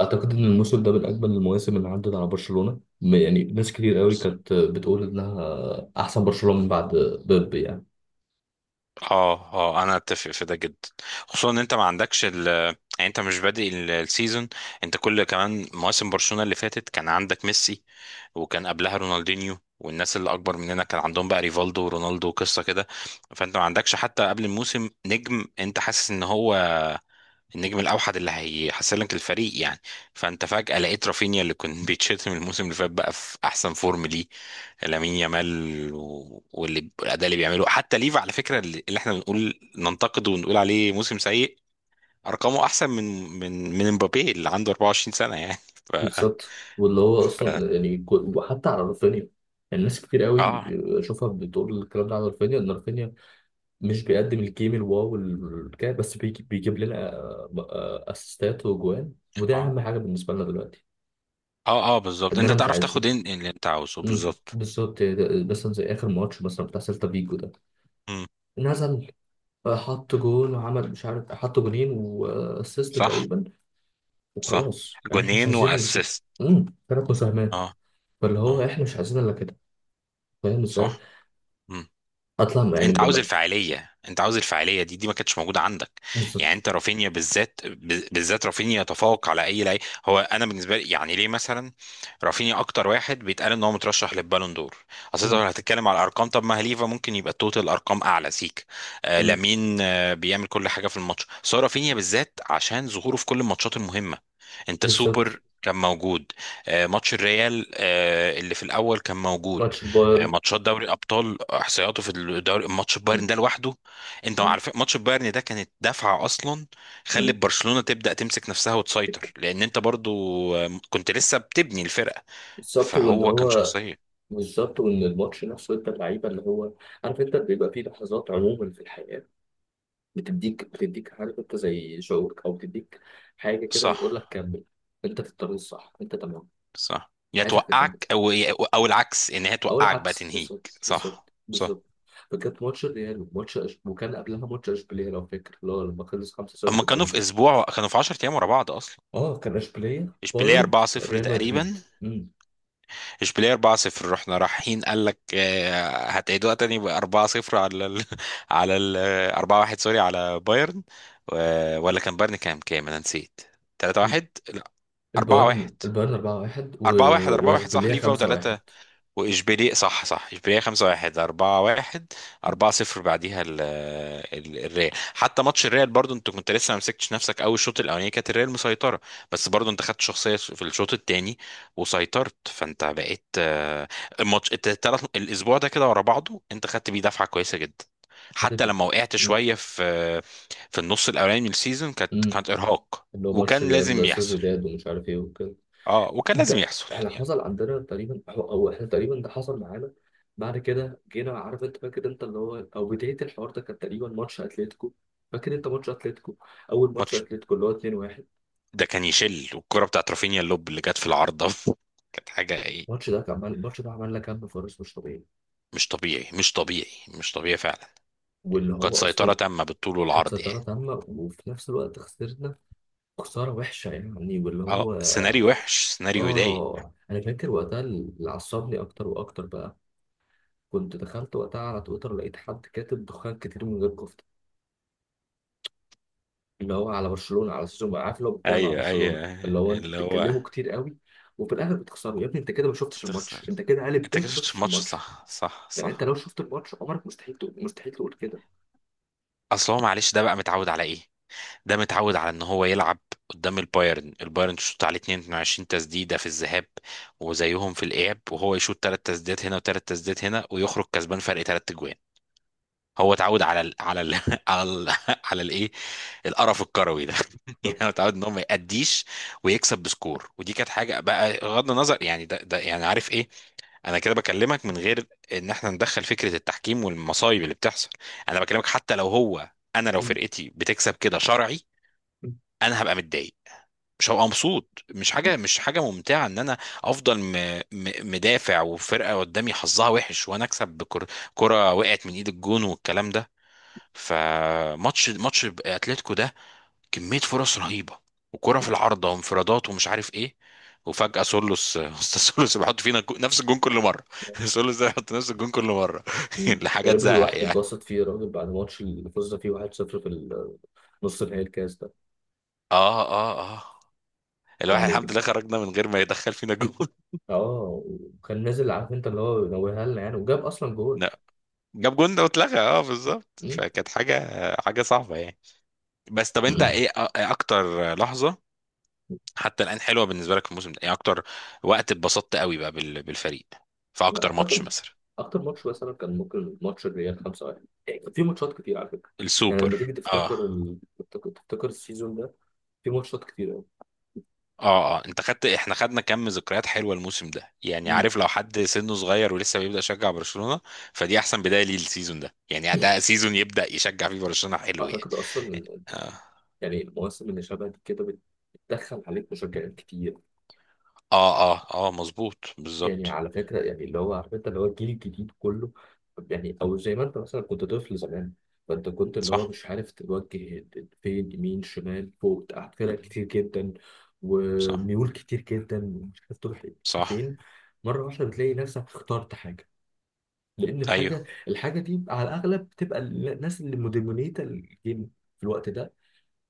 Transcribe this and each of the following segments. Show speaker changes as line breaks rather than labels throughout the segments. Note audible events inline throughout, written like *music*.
اعتقد ان الموسم ده من اجمل المواسم اللي عدت على برشلونه يعني ناس كتير قوي
بالظبط.
كانت بتقول انها احسن برشلونه من بعد بيب يعني.
اه اه انا اتفق في ده جدا. خصوصا ان انت ما عندكش يعني، انت مش بادئ السيزون. انت كل كمان مواسم برشلونة اللي فاتت كان عندك ميسي، وكان قبلها رونالدينيو، والناس اللي اكبر مننا كان عندهم بقى ريفالدو ورونالدو وقصة كده. فانت ما عندكش حتى قبل الموسم نجم انت حاسس ان هو النجم الاوحد اللي هيحسنك الفريق يعني. فانت فجأة لقيت رافينيا اللي كان *laughs* بيتشتم الموسم اللي فات بقى في احسن فورم ليه، لامين يامال، واللي الاداء اللي بيعمله حتى ليفا على فكرة اللي احنا بنقول ننتقده ونقول عليه موسم سيء، ارقامه احسن من من مبابي اللي عنده 24 سنة يعني *laughs* ف,
بالظبط واللي هو
ف...
اصلا يعني وحتى على رافينيا. يعني ناس كتير قوي
اه
اشوفها بتقول الكلام ده على رافينيا ان رافينيا مش بيقدم الجيم الواو الكده، بس بيجيب لنا اسيستات وجوان، وده
اه
اهم حاجه بالنسبه لنا دلوقتي،
اه اه بالظبط. انت
اننا مش
تعرف تاخد
عايزين.
اللي انت عاوزه بالظبط.
بالظبط. مثلا زي اخر ماتش مثلا بتاع سيلتا فيجو ده،
مم.
نزل فحط جول وعمل مش عارف حط جولين واسيست
صح
تقريبا،
صح.
وخلاص. يعني احنا مش
جونين
عايزين الا كده.
واسيست.
ثلاث مساهمات.
اه
فاللي
اه.
هو احنا مش عايزين الا كده، فاهم ازاي؟
صح. مم.
اطلع يعني
انت
من
عاوز
ال-
الفاعليه، انت عاوز الفاعليه دي ما كانتش موجوده عندك. يعني
بالظبط
انت رافينيا بالذات بالذات رافينيا يتفوق على اي لعيب هو، انا بالنسبه لي يعني ليه، مثلا رافينيا اكتر واحد بيتقال ان هو مترشح للبالون دور. اصل انت لو
مم.
هتتكلم على الارقام، طب ما هليفا ممكن يبقى التوتال ارقام اعلى سيك. آه
مم.
لامين آه بيعمل كل حاجه في الماتش، بس هو رافينيا بالذات عشان ظهوره في كل الماتشات المهمه. انت
بالظبط.
سوبر كان موجود، آه، ماتش الريال آه، اللي في الاول كان موجود،
ماتش
آه،
البايرن.
ماتشات دوري ابطال، احصائياته في الدوري، ماتش بايرن
مم.
ده لوحده. انت
مم.
عارف ماتش بايرن ده كانت دفعه اصلا، خلت
مم.
برشلونه تبدا تمسك نفسها وتسيطر، لان انت برضو آه، كنت لسه بتبني الفرقه،
بالظبط واللي
فهو كان
هو.
شخصيه.
بالظبط، وان الماتش نفسه انت اللعيبه اللي هو، عارف انت بيبقى فيه لحظات عموما في الحياه، بتديك عارف انت زي شعورك، او بتديك حاجه كده
صح
بتقول لك كمل، انت في الطريق الصح انت تمام،
صح يا
عايزك تكمل.
توقعك او او العكس ان هي
او
توقعك بقى
العكس،
تنهيك.
بالظبط
صح
بالظبط
صح.
بالظبط فكانت ماتش الريال ماتش وكان قبلها ماتش اشبيليه، لو فاكر اللي هو لما خلص
اما
5-0
كانوا في
تقريبا.
اسبوع كانوا في 10 ايام ورا بعض اصلا.
اه، كان اشبيليه
اشبيليه
بايرن
4-0
ريال
تقريبا.
مدريد. امم
اشبيليه 4-0 رحنا رايحين قال لك آه، هتعيدوها تاني ب 4-0 على ال *laughs* على ال 4-1 سوري، على بايرن. ولا كان بايرن كام انا نسيت. 3-1 لا، 4-1،
البايرن 4-1
4-1 4-1 صح
واشبيليه
ليفا
5-1.
و3. واشبيليه صح صح اشبيليه 5 1 4 1
مم.
4 0 بعديها الريال. حتى ماتش الريال برضو انت كنت لسه ما مسكتش نفسك قوي، الشوط الاولاني كانت الريال مسيطره، بس برضو انت خدت شخصيه في الشوط الثاني وسيطرت، فانت بقيت آه، الماتش الثلاث الاسبوع ده كده ورا بعضه انت خدت بيه دفعه كويسه جدا.
هدف
حتى
انت.
لما وقعت
مم.
شويه في في النص الاولاني من السيزون كانت
مم.
كانت ارهاق
اللي هو ماتش
وكان لازم
ريال
يحصل.
سوسيداد ومش عارف ايه وكده.
اه وكان لازم
ده
يحصل
احنا
يعني.
حصل عندنا تقريبا، هو او احنا تقريبا ده حصل معانا. بعد كده جينا عارف انت فاكر انت اللي هو، او بدايه الحوار ده كان تقريبا ماتش اتلتيكو، فاكر انت ماتش اتلتيكو، اول ماتش
ماتش
اتلتيكو اللي هو 2-1.
ده كان يشل، والكرة بتاعت رافينيا اللوب اللي جت في العارضة *laughs* كانت حاجة ايه.
الماتش ده كان عمل الماتش ده عملنا كم فرص مش طبيعي.
مش طبيعي مش طبيعي مش طبيعي فعلا.
واللي
كانت
هو
سيطرة
اصلا،
تامة بالطول
كانت
والعرض
سيطره
يعني.
تامه وفي نفس الوقت خسرنا، خساره وحشه يعني واللي
اه،
هو.
سيناريو وحش، سيناريو يضايق.
اه انا فاكر وقتها اللي عصبني اكتر واكتر بقى، كنت دخلت وقتها على تويتر لقيت حد كاتب دخان كتير من غير كفته، اللي هو على برشلونه، على اساس انه عارف اللي هو بيتكلم على
ايوه
برشلونه،
ايوه،
اللي هو انتوا
اللي هو
بتتكلموا كتير قوي وفي الاخر بتخسروا يا ابني، انت كده ما شفتش الماتش،
تخسر.
انت كده قالب ب
انت كده
ما
شفتش
شفتش
الماتش،
الماتش.
صح صح
يعني انت
صح.
لو شفت الماتش عمرك مستحيل تقول، مستحيل تقول كده.
اصل هو معلش ده بقى متعود على ايه، ده متعود على ان هو يلعب قدام البايرن. البايرن تشوط عليه 22 تسديده في الذهاب وزيهم في الاياب وهو يشوط ثلاث تسديدات هنا وثلاث تسديدات هنا ويخرج كسبان فرق ثلاث اجوان. هو اتعود على *laughs* على ال على الايه القرف الكروي ده. *laughs* يعني هو
بالظبط.
اتعود ان هو ما يأديش ويكسب بسكور، ودي كانت حاجه بقى بغض النظر يعني ده يعني عارف ايه. انا كده بكلمك من غير ان احنا ندخل فكره التحكيم والمصايب اللي بتحصل، انا بكلمك حتى لو هو انا لو
م-
فرقتي بتكسب كده شرعي
م-
انا هبقى متضايق، مش هبقى مبسوط، مش حاجه، مش حاجه ممتعه ان انا افضل مدافع وفرقه قدامي حظها وحش وانا اكسب بكره، كره وقعت من ايد الجون والكلام ده. فماتش اتلتيكو ده كمية فرص رهيبة وكرة في العارضة وانفرادات ومش عارف ايه، وفجأة سولوس *laughs* استاذ سولوس بيحط فينا نفس الجون كل مرة *laughs* سولوس ده بيحط نفس الجون كل مرة *laughs*
م- يا
لحاجة
راجل
تزهق
الواحد
يعني.
اتبسط فيه، يا راجل بعد الماتش اللي فزنا فيه 1-0 في نص نهائي الكاس ده
اه اه اه، الواحد الحمد
يعني.
لله خرجنا من غير ما يدخل فينا جون.
اه، وكان نازل عارف انت اللي هو نوهها لنا يعني، وجاب اصلا
*laughs*
جول.
لا، جاب جون ده واتلغى، اه بالظبط،
م-
فكانت حاجة حاجة صعبة يعني. بس طب انت
*clears throat*
ايه اكتر لحظة حتى الآن حلوة بالنسبة لك في الموسم ده، يعني اكتر وقت اتبسطت قوي بقى بالفريق في
لا،
اكتر ماتش
اعتقد
مثلا.
اكتر ماتش مثلا كان ممكن ماتش الريال 5-1 يعني. كان في ماتشات كتير على فكره، يعني
السوبر.
لما تيجي
اه
تفتكر تفتكر السيزون ده في ماتشات كتير قوي.
اه اه، انت خدت، احنا خدنا كم ذكريات حلوه الموسم ده يعني.
مم.
عارف لو حد سنه صغير ولسه بيبدأ يشجع برشلونة، فدي احسن بداية ليه السيزون ده يعني. ده سيزون يبدأ يشجع فيه برشلونة حلو يعني.
اعتقد اصلا إن-
اه
يعني المواسم اللي شبه دي كده بتدخل عليك مشجعين كتير.
اه اه, آه مظبوط
يعني
بالظبط.
على فكرة، يعني اللي هو عارف انت اللي هو الجيل الجديد كله، يعني او زي ما انت مثلا كنت طفل زمان، فانت كنت اللي هو
صح
مش عارف توجه فين، يمين شمال فوق تحت، فرق كتير جدا
صح
وميول كتير جدا ومش عارف تروح
صح.
فين. مرة واحدة بتلاقي نفسك اخترت حاجة، لأن
ايوه
الحاجة دي على الأغلب بتبقى الناس اللي مدمنيتة الجيم في الوقت ده،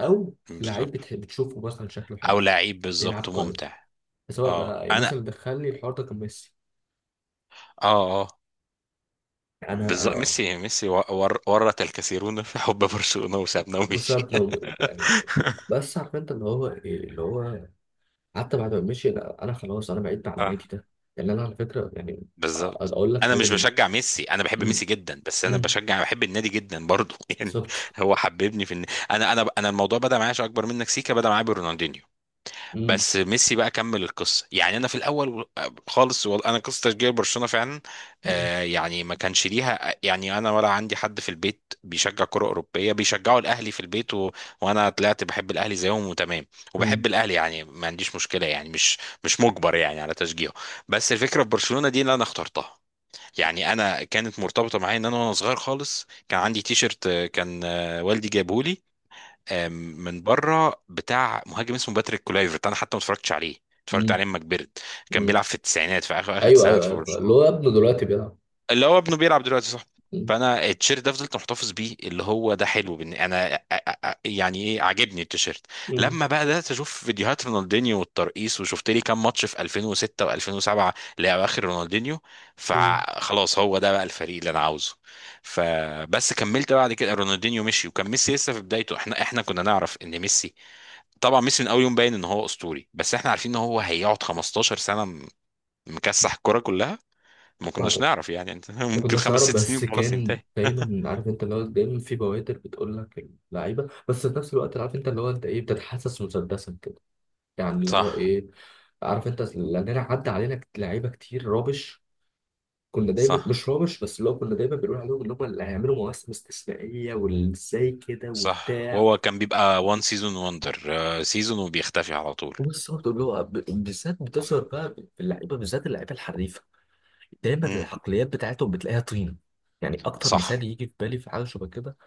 أو لعيب
بالظبط.
بتشوفه مثلا شكله حلو،
او لعيب
بيلعب
بالظبط
كويس.
ممتع.
سواء
اه
بقى يعني
انا،
مثلا دخلني الحوار ده كان ميسي.
اه اه
انا
بالظبط.
انا
ميسي ميسي ورط الكثيرون في حب برشلونة وسابنا ومشي.
وساب لو يعني،
*laughs*
بس عارف انت اللي هو ايه اللي هو، حتى بعد ما مشي، أنا خلاص انا بعدت عن النادي
اه
ده يعني. انا على فكره يعني،
بالظبط.
اقول لك
انا
حاجه
مش
من.
بشجع ميسي، انا بحب
امم
ميسي جدا، بس انا
امم
بشجع بحب النادي جدا برضه *laughs* يعني.
بالظبط.
هو حببني انا الموضوع بدا معايا، عشان اكبر منك سيكا، بدا معايا برونالدينيو،
امم
بس ميسي بقى كمل القصه يعني. انا في الاول خالص انا قصه تشجيع برشلونه فعلا
امم
آه يعني ما كانش ليها يعني. انا ولا عندي حد في البيت بيشجع كره اوروبيه، بيشجعوا الاهلي في البيت وانا طلعت بحب الاهلي زيهم وتمام.
امم
وبحب الاهلي يعني ما عنديش مشكله يعني، مش مش مجبر يعني على تشجيعه. بس الفكره في برشلونه دي اللي انا اخترتها يعني. انا كانت مرتبطه معايا ان انا وانا صغير خالص كان عندي تيشرت آه، كان آه، والدي جابهولي آم، من بره، بتاع مهاجم اسمه باتريك كولايفرت. انا حتى ما اتفرجتش عليه، اتفرجت
امم
عليه لما كبرت. كان
أمم.
بيلعب في التسعينات في اخر اخر
ايوه
التسعينات
ايوه،
في
عارف اللي
برشلونه.
هو ابنه دلوقتي بيلعب.
اللي هو ابنه بيلعب دلوقتي صح.
امم
فانا التيشيرت ده فضلت محتفظ بيه، اللي هو ده حلو بن... انا أ- أ- أ- يعني ايه، عاجبني التيشيرت.
امم
لما بقى بدات اشوف فيديوهات رونالدينيو والترقيص وشفت لي كام ماتش في 2006 و2007 لاواخر رونالدينيو،
أمم.
فخلاص هو ده بقى الفريق اللي انا عاوزه. فبس كملت بعد كده، رونالدينيو مشي وكان ميسي لسه في بدايته. احنا كنا نعرف ان ميسي، طبعا ميسي من اول يوم باين ان هو اسطوري، بس احنا عارفين ان هو هيقعد 15 سنه مكسح الكرة كلها، ما
ما
كناش
أعتقد-
نعرف يعني انت *laughs*
ما
ممكن
كناش
خمس
نعرف،
ست سنين
بس
خلاص
كان
ينتهي.
دايما عارف انت اللي هو دايما في بوادر بتقول لك اللعيبه، بس في نفس الوقت عارف انت اللي هو انت ايه بتتحسس مسدسا يعني،
*laughs*
اللي هو
صح
ايه، عارف انت لاننا عدى علينا لعيبه كتير رابش، كنا دايما
صح
مش رابش، بس اللي هو كنا دايما بنقول عليهم اللي هم اللي هيعملوا مواسم استثنائيه، والازاي كده
صح.
وبتاع.
وهو كان بيبقى وان سيزون وندر، سيزون وبيختفي على طول.
وبس برضه اللي هو بالذات بتظهر بقى في اللعيبه، بالذات اللعيبه الحريفه، دايما
امم.
العقليات بتاعتهم بتلاقيها طينه. يعني اكتر
صح.
مثال يجي في بالي في حاجه شبه كده،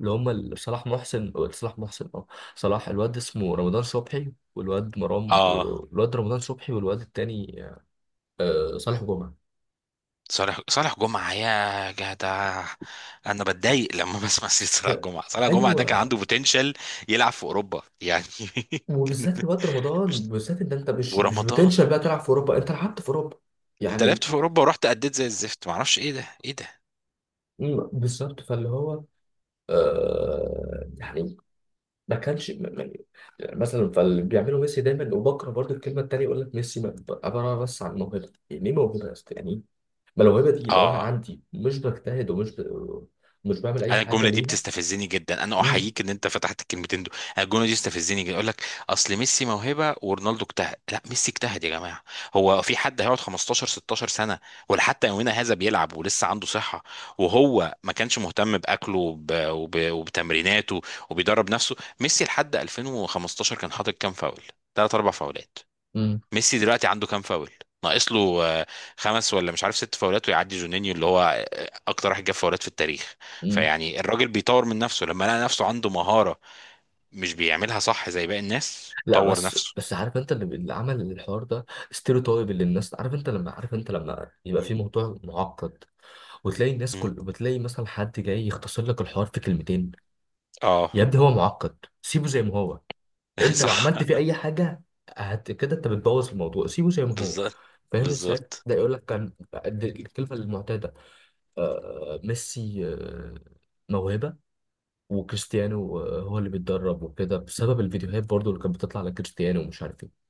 اللي هم صلاح محسن اه، صلاح الواد اسمه رمضان صبحي، والواد مرام
اه.
والواد رمضان صبحي والواد التاني صالح جمعه.
صالح، صالح جمعة يا جدع. انا بتضايق لما *laughs* بسمع سيرة صالح
ب-
جمعة. صالح جمعة ده كان
ايوه.
عنده بوتنشال يلعب في اوروبا يعني *laughs* كان.
وبالذات في وقت رمضان
مش
بالذات، ان انت مش
ورمضان،
بتنشل بقى تلعب في اوروبا، انت لعبت في اوروبا
انت
يعني.
لعبت في اوروبا ورحت اديت زي الزفت، معرفش ايه ده ايه ده.
بالظبط فاللي هو يعني ما كانش مثلا. فاللي بيعمله ميسي دايما وبكره برضو، الكلمه التانيه يقول لك ميسي عباره بس عن موهبه. يعني ايه موهبه يا اسطى يعني إيه؟ ما الموهبه دي لو انا
اه
عندي مش بجتهد مش بعمل اي
انا
حاجه
الجمله دي
ليها.
بتستفزني جدا، انا
مم،
احييك ان انت فتحت الكلمتين دول، انا الجمله دي بتستفزني جدا، يقول لك اصل ميسي موهبه ورونالدو اجتهد. لا، ميسي اجتهد يا جماعه. هو في حد هيقعد 15 16 سنه ولا حتى يومنا هذا بيلعب ولسه عنده صحه وهو ما كانش مهتم باكله وبتمريناته وبيدرب نفسه؟ ميسي لحد 2015 كان حاطط كام فاول، ثلاث اربع فاولات.
مم،
ميسي دلوقتي عنده كام فاول، ناقص له آه، خمس ولا مش عارف ست فاولات ويعدي جونينيو اللي هو آه، اكتر واحد جاب فاولات في التاريخ.
مم.
فيعني الراجل بيطور من نفسه، لما لقى نفسه عنده مهارة مش بيعملها صح زي باقي الناس،
لا،
طور
بس
نفسه.
بس عارف انت اللي عمل الحوار ده ستيريوتايب اللي الناس، عارف انت لما، عارف انت لما يبقى
م-
في موضوع معقد، وتلاقي الناس
م.
كل بتلاقي مثلا حد جاي يختصر لك الحوار في كلمتين.
اه.
يا ابني هو معقد، سيبه زي ما هو،
*laughs*
انت لو عملت
صح.
فيه اي حاجه هت كده، انت بتبوظ الموضوع، سيبه زي ما هو،
بالظبط
فاهم ازاي؟
بالظبط.
ده يقول لك كان، دي الكلمه المعتاده، آه ميسي آه موهبه، وكريستيانو آه، هو اللي بيتدرب وكده بسبب الفيديوهات برضو اللي كانت بتطلع على كريستيانو ومش عارف ايه